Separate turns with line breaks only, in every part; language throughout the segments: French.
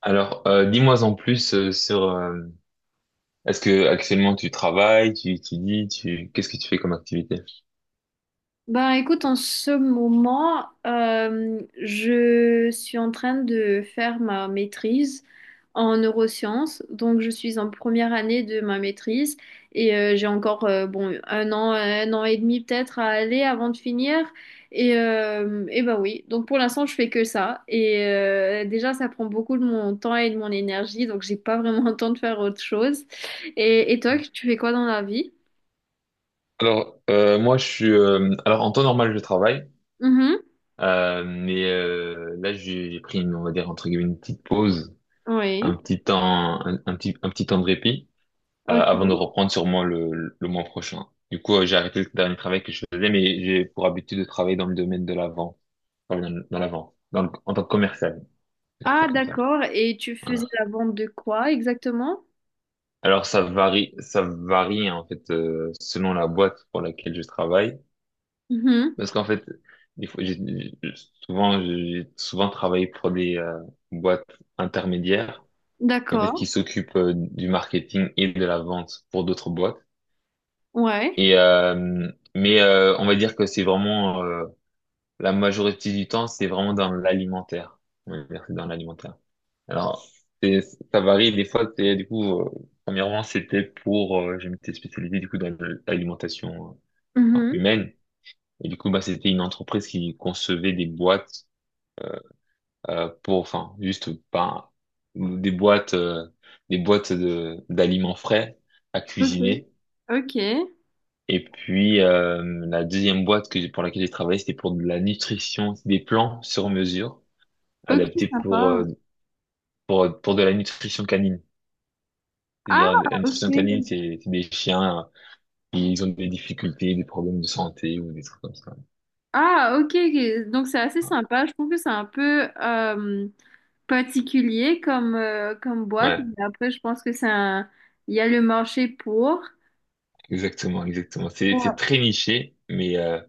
Dis-moi en plus sur. Est-ce que actuellement tu travailles, tu étudies, tu qu'est-ce que tu fais comme activité?
Ben écoute, en ce moment, je suis en train de faire ma maîtrise en neurosciences. Donc je suis en première année de ma maîtrise et j'ai encore bon un an et demi peut-être à aller avant de finir. Et ben oui, donc pour l'instant je fais que ça. Et déjà ça prend beaucoup de mon temps et de mon énergie, donc j'ai pas vraiment le temps de faire autre chose. Et toi, tu fais quoi dans la vie?
Moi, en temps normal, je travaille,
Mhm.
là, j'ai pris une, on va dire entre guillemets une petite pause, un
Oui.
petit temps, un petit temps de répit avant de
Ok.
reprendre sûrement le mois prochain. Du coup, j'ai arrêté le dernier travail que je faisais, mais j'ai pour habitude de travailler dans le domaine de la vente, enfin, dans la vente, en tant que commercial,
Ah,
c'est comme ça.
d'accord. Et tu faisais la vente de quoi exactement?
Alors ça varie en fait selon la boîte pour laquelle je travaille,
Mhm.
parce qu'en fait, des fois, j'ai- souvent travaillé pour des boîtes intermédiaires, qui, en fait qui
D'accord.
s'occupent du marketing et de la vente pour d'autres boîtes.
Ouais.
Et euh, on va dire que c'est vraiment la majorité du temps, c'est vraiment dans l'alimentaire. On va dire que c'est dans l'alimentaire. Alors, c'est- ça varie. Des fois, premièrement, c'était pour, je m'étais spécialisé, du coup, dans l'alimentation enfin,
Mhm.
humaine. Et du coup, bah, c'était une entreprise qui concevait des boîtes, pour, enfin, juste, pas, des boîtes, euh, des boîtes de, d'aliments frais à
Ok.
cuisiner.
Ok.
Et puis, la deuxième boîte pour laquelle j'ai travaillé, c'était pour de la nutrition, des plans sur mesure,
Ok,
adaptés
sympa.
pour de la nutrition canine.
Ah,
C'est-à-dire, la nutrition canine,
ok.
c'est des chiens, ils ont des difficultés, des problèmes de santé ou des trucs comme ça.
Ah, ok. Ok. Donc c'est assez sympa. Je trouve que c'est un peu particulier comme boîte.
Ouais,
Mais après, je pense que c'est un. Il y a le marché pour.
exactement, exactement. C'est
Ouais.
très niché, mais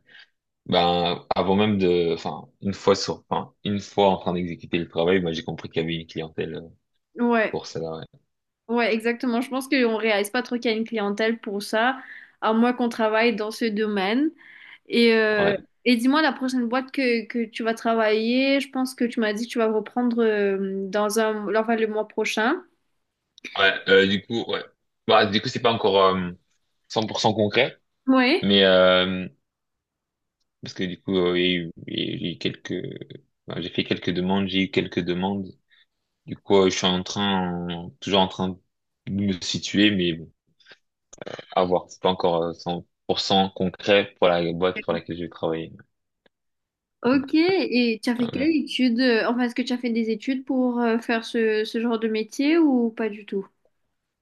ben avant même de, enfin une fois sur, enfin une fois en train d'exécuter le travail, moi j'ai compris qu'il y avait une clientèle
Ouais,
pour ça. Ouais,
ouais, exactement. Je pense qu'on réalise pas trop qu'il y a une clientèle pour ça, à moins qu'on travaille dans ce domaine. Et, euh,
ouais.
et dis-moi, la prochaine boîte que tu vas travailler, je pense que tu m'as dit que tu vas reprendre enfin, le mois prochain.
Ouais, euh, du coup, ouais. Bah du coup c'est pas encore 100% concret,
Oui.
mais euh, parce que il y a eu, il y a eu quelques, ben, j'ai fait quelques demandes, j'ai eu quelques demandes. Du coup, je suis en train, toujours en train de me situer, mais bon, à voir. C'est pas encore 100% concret pour la boîte pour laquelle je vais travailler.
Ok, et tu as fait
Ouais.
quelle étude? Enfin, est-ce que tu as fait des études pour faire ce genre de métier ou pas du tout?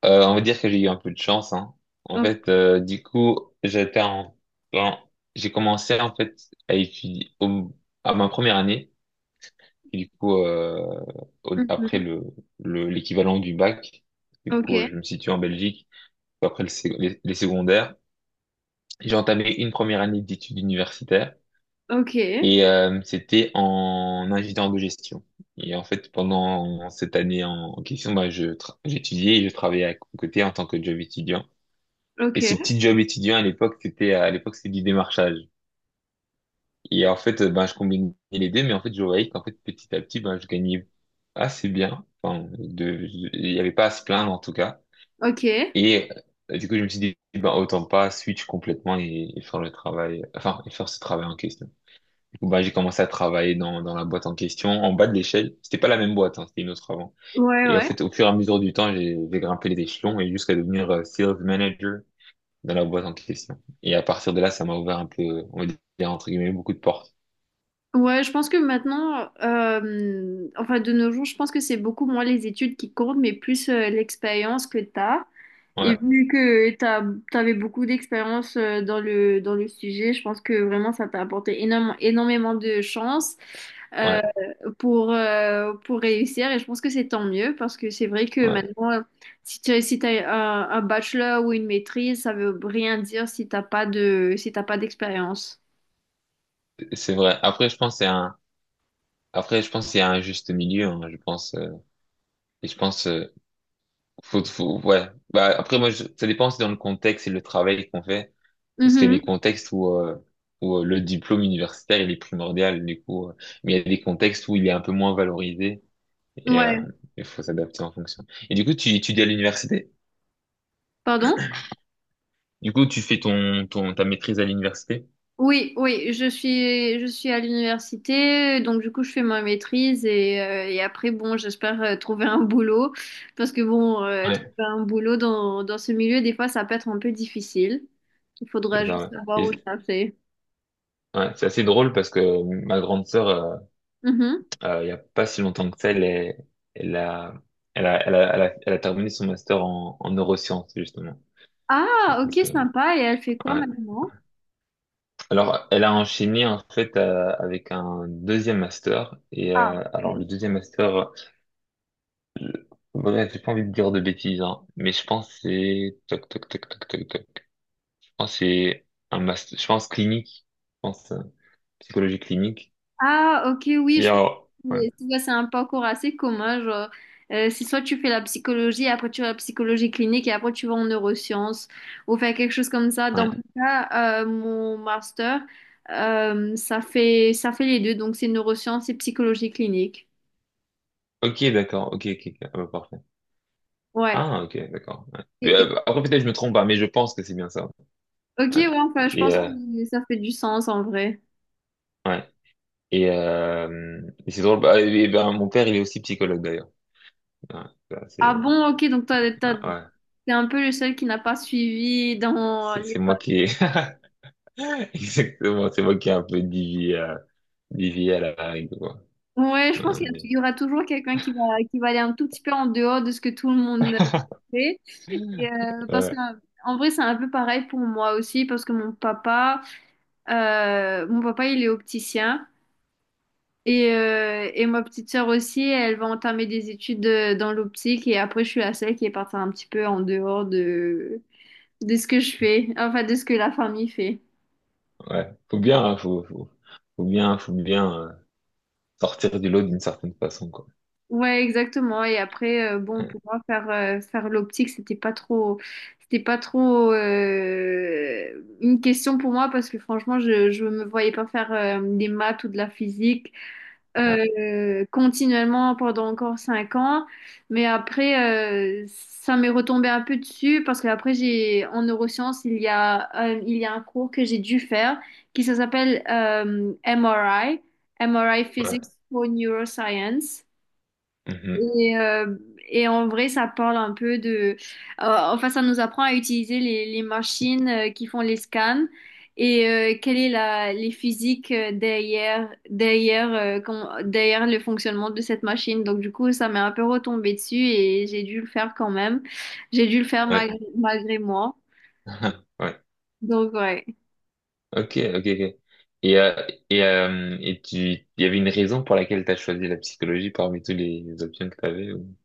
On va dire que j'ai eu un peu de chance, hein. En
Oh,
fait, j'étais en- j'ai commencé en fait à étudier au- à ma première année, et du coup, après
mhm.
l'équivalent du bac. Du
Ok,
coup, je me situe en Belgique après les secondaires. J'ai entamé une première année d'études universitaires.
ok,
Et c'était en ingénieur de gestion. Et en fait, pendant cette année en question, bah, j'étudiais et je travaillais à côté en tant que job étudiant. Et ce
ok,
petit job étudiant à l'époque c'était du démarchage. Et en fait, ben je combinais les deux, mais en fait, je voyais qu'en fait, petit à petit, ben je gagnais assez bien. Enfin, il n'y avait pas à se plaindre en tout cas.
ok.
Et du coup, je me suis dit, ben autant pas switch complètement et faire le travail, enfin, et faire ce travail en question, où bah, j'ai commencé à travailler dans la boîte en question, en bas de l'échelle. C'était pas la même boîte, hein, c'était une autre avant.
Ouais,
Et en
ouais.
fait, au fur et à mesure du temps, j'ai grimpé les échelons et jusqu'à devenir sales manager dans la boîte en question. Et à partir de là, ça m'a ouvert un peu, on va dire, entre guillemets, beaucoup de portes.
Ouais, je pense que maintenant, enfin de nos jours, je pense que c'est beaucoup moins les études qui comptent, mais plus l'expérience que tu as. Et
Ouais,
vu que tu avais beaucoup d'expérience dans le sujet, je pense que vraiment ça t'a apporté énormément de chance
ouais,
euh, pour réussir. Et je pense que c'est tant mieux parce que c'est vrai que
ouais,
maintenant, si tu as, si t'as un bachelor ou une maîtrise, ça veut rien dire si t'as pas de, si t'as pas d'expérience.
c'est vrai. Après, je pense qu'il y a un juste milieu, hein, je pense, et je pense, ouais. Bah, après, ça dépend, c'est dans le contexte et le travail qu'on fait. Parce qu'il y a
Mhm.
des contextes où le diplôme universitaire, il est primordial, du coup. Mais il y a des contextes où il est un peu moins valorisé et euh,
Ouais.
il faut s'adapter en fonction. Et du coup, tu étudies à l'université?
Pardon?
Du coup, tu fais ta maîtrise à l'université?
Oui, oui, je suis à l'université, donc du coup je fais ma maîtrise et après bon, j'espère trouver un boulot parce que bon, trouver
Ouais,
un boulot dans ce milieu des fois ça peut être un peu difficile. Il faudra
c'est ça.
juste
Ouais.
savoir où chercher.
Ouais, c'est assez drôle parce que ma grande sœur,
Mhm.
il y a pas si longtemps que ça, elle a, elle a terminé son master en neurosciences, justement.
Ah,
Donc,
ok,
c'est-
sympa. Et elle fait quoi
ouais.
maintenant?
Alors, elle a enchaîné en fait avec un deuxième master. Et
Ah,
alors,
ok.
bref, j'ai pas envie de dire de bêtises, hein, mais je pense que c'est toc toc toc toc toc toc. Je pense que c'est un master, je pense clinique, je pense psychologie clinique.
Ah, ok, oui,
Et
je pense
alors, ouais,
que tu vois, c'est un parcours assez commun. Genre, c'est soit tu fais la psychologie, après tu vas la psychologie clinique et après tu vas en neurosciences ou faire quelque chose comme ça. Dans
ouais.
mon cas, mon master, ça fait les deux, donc c'est neurosciences et psychologie clinique.
Ok, d'accord, ok, ok, ok, ah bah, parfait.
Ouais.
Ah, ok, d'accord. Ouais.
Et- et-
Bah, après, peut-être je me trompe pas, mais je pense que c'est bien ça.
ok,
Ouais.
ouais, enfin, je
Et
pense que ça fait du sens en vrai.
ouais. Et c'est drôle. Bah, et ben, mon père, il est aussi psychologue d'ailleurs. Ouais, ça,
Ah
c'est-
bon, ok, donc toi,
Ouais, ouais.
t'es un peu le seul qui n'a pas suivi dans
C'est
les.
moi qui ai... Exactement, c'est moi qui ai un peu dévié à la règle, quoi.
Ouais, je pense
Non,
qu'
mais,
il y aura toujours quelqu'un qui va aller un tout petit peu en dehors de ce que tout le monde fait. Et, parce que,
ouais,
en vrai, c'est un peu pareil pour moi aussi, parce que mon papa, il est opticien. Et ma petite sœur aussi, elle va entamer des études dans l'optique. Et après, je suis la seule qui est partie un petit peu en dehors de ce que je fais, enfin, de ce que la famille fait.
ouais. Faut bien, hein, faut bien sortir du lot d'une certaine façon, quoi.
Ouais, exactement. Et après, bon,
Ouais,
pour moi, faire l'optique, c'était pas trop une question pour moi parce que franchement, je me voyais pas faire des maths ou de la physique
ouais,
continuellement pendant encore 5 ans. Mais après, ça m'est retombé un peu dessus parce qu'après, en neurosciences, il y a un cours que j'ai dû faire qui ça s'appelle MRI Physics
ouais.
for Neuroscience.
Mhm,
Et, euh, et en vrai, ça parle un peu de, euh, enfin, ça nous apprend à utiliser les machines qui font les scans et quelle est les physiques derrière le fonctionnement de cette machine. Donc, du coup, ça m'est un peu retombé dessus et j'ai dû le faire quand même. J'ai dû le faire
ouais.
malgré moi.
Ouais.
Donc, ouais.
Ok, ok, ok. Et tu, il y avait une raison pour laquelle tu as choisi la psychologie parmi les options que tu avais ou...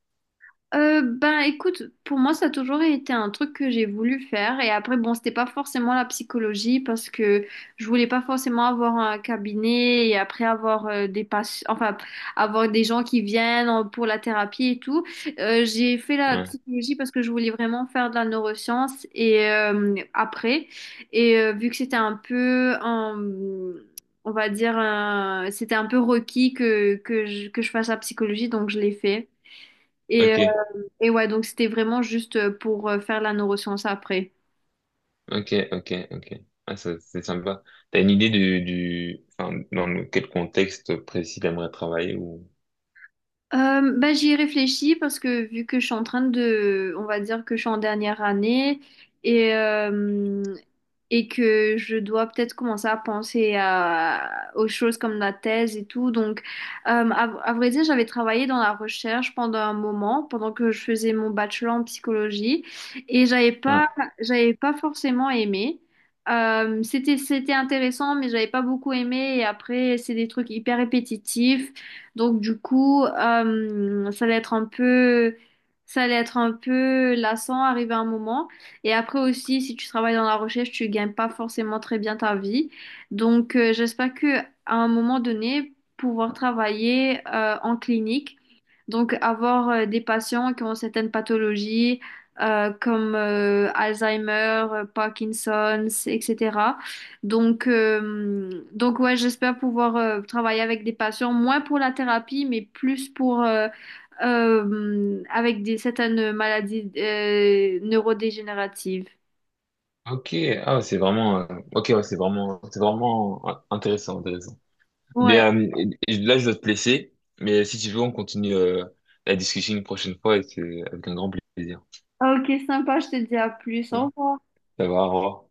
Ben écoute, pour moi ça a toujours été un truc que j'ai voulu faire et après bon c'était pas forcément la psychologie parce que je voulais pas forcément avoir un cabinet et après avoir des patients, enfin avoir des gens qui viennent pour la thérapie et tout. J'ai fait la
Ouais,
psychologie parce que je voulais vraiment faire de la neuroscience et après et vu que c'était un peu un- on va dire un- c'était un peu requis que je fasse la psychologie donc je l'ai fait.
ok.
Et et ouais, donc c'était vraiment juste pour faire la neuroscience après.
Ok, ok, ok. Ah, ça, c'est sympa. T'as une idée enfin, quel contexte précis t'aimerais travailler ou,
Bah, j'y ai réfléchi parce que vu que je suis en train de, on va dire que je suis en dernière année et, euh, et que je dois peut-être commencer à penser aux choses comme la thèse et tout. Donc, à vrai dire, j'avais travaillé dans la recherche pendant un moment, pendant que je faisais mon bachelor en psychologie et j'avais
ouais.
pas, j'avais pas forcément aimé. C'était intéressant, mais j'avais pas beaucoup aimé. Et après, c'est des trucs hyper répétitifs. Donc du coup, ça allait être un peu, ça allait être un peu lassant arrivé à un moment. Et après aussi, si tu travailles dans la recherche, tu gagnes pas forcément très bien ta vie. Donc j'espère que à un moment donné, pouvoir travailler en clinique, donc avoir des patients qui ont certaines pathologies comme Alzheimer, Parkinson's, etc. Donc ouais, j'espère pouvoir travailler avec des patients, moins pour la thérapie, mais plus pour avec des certaines maladies neurodégénératives.
Ok, ah, c'est vraiment, ok, ouais, c'est vraiment intéressant, intéressant.
Ouais.
Bien, euh, et là, je dois te laisser, mais si tu veux, on continue, la discussion une prochaine fois et c'est avec un grand plaisir.
Ok, sympa, je te dis à plus.
Ouais.
Au revoir.
Ça va, au revoir.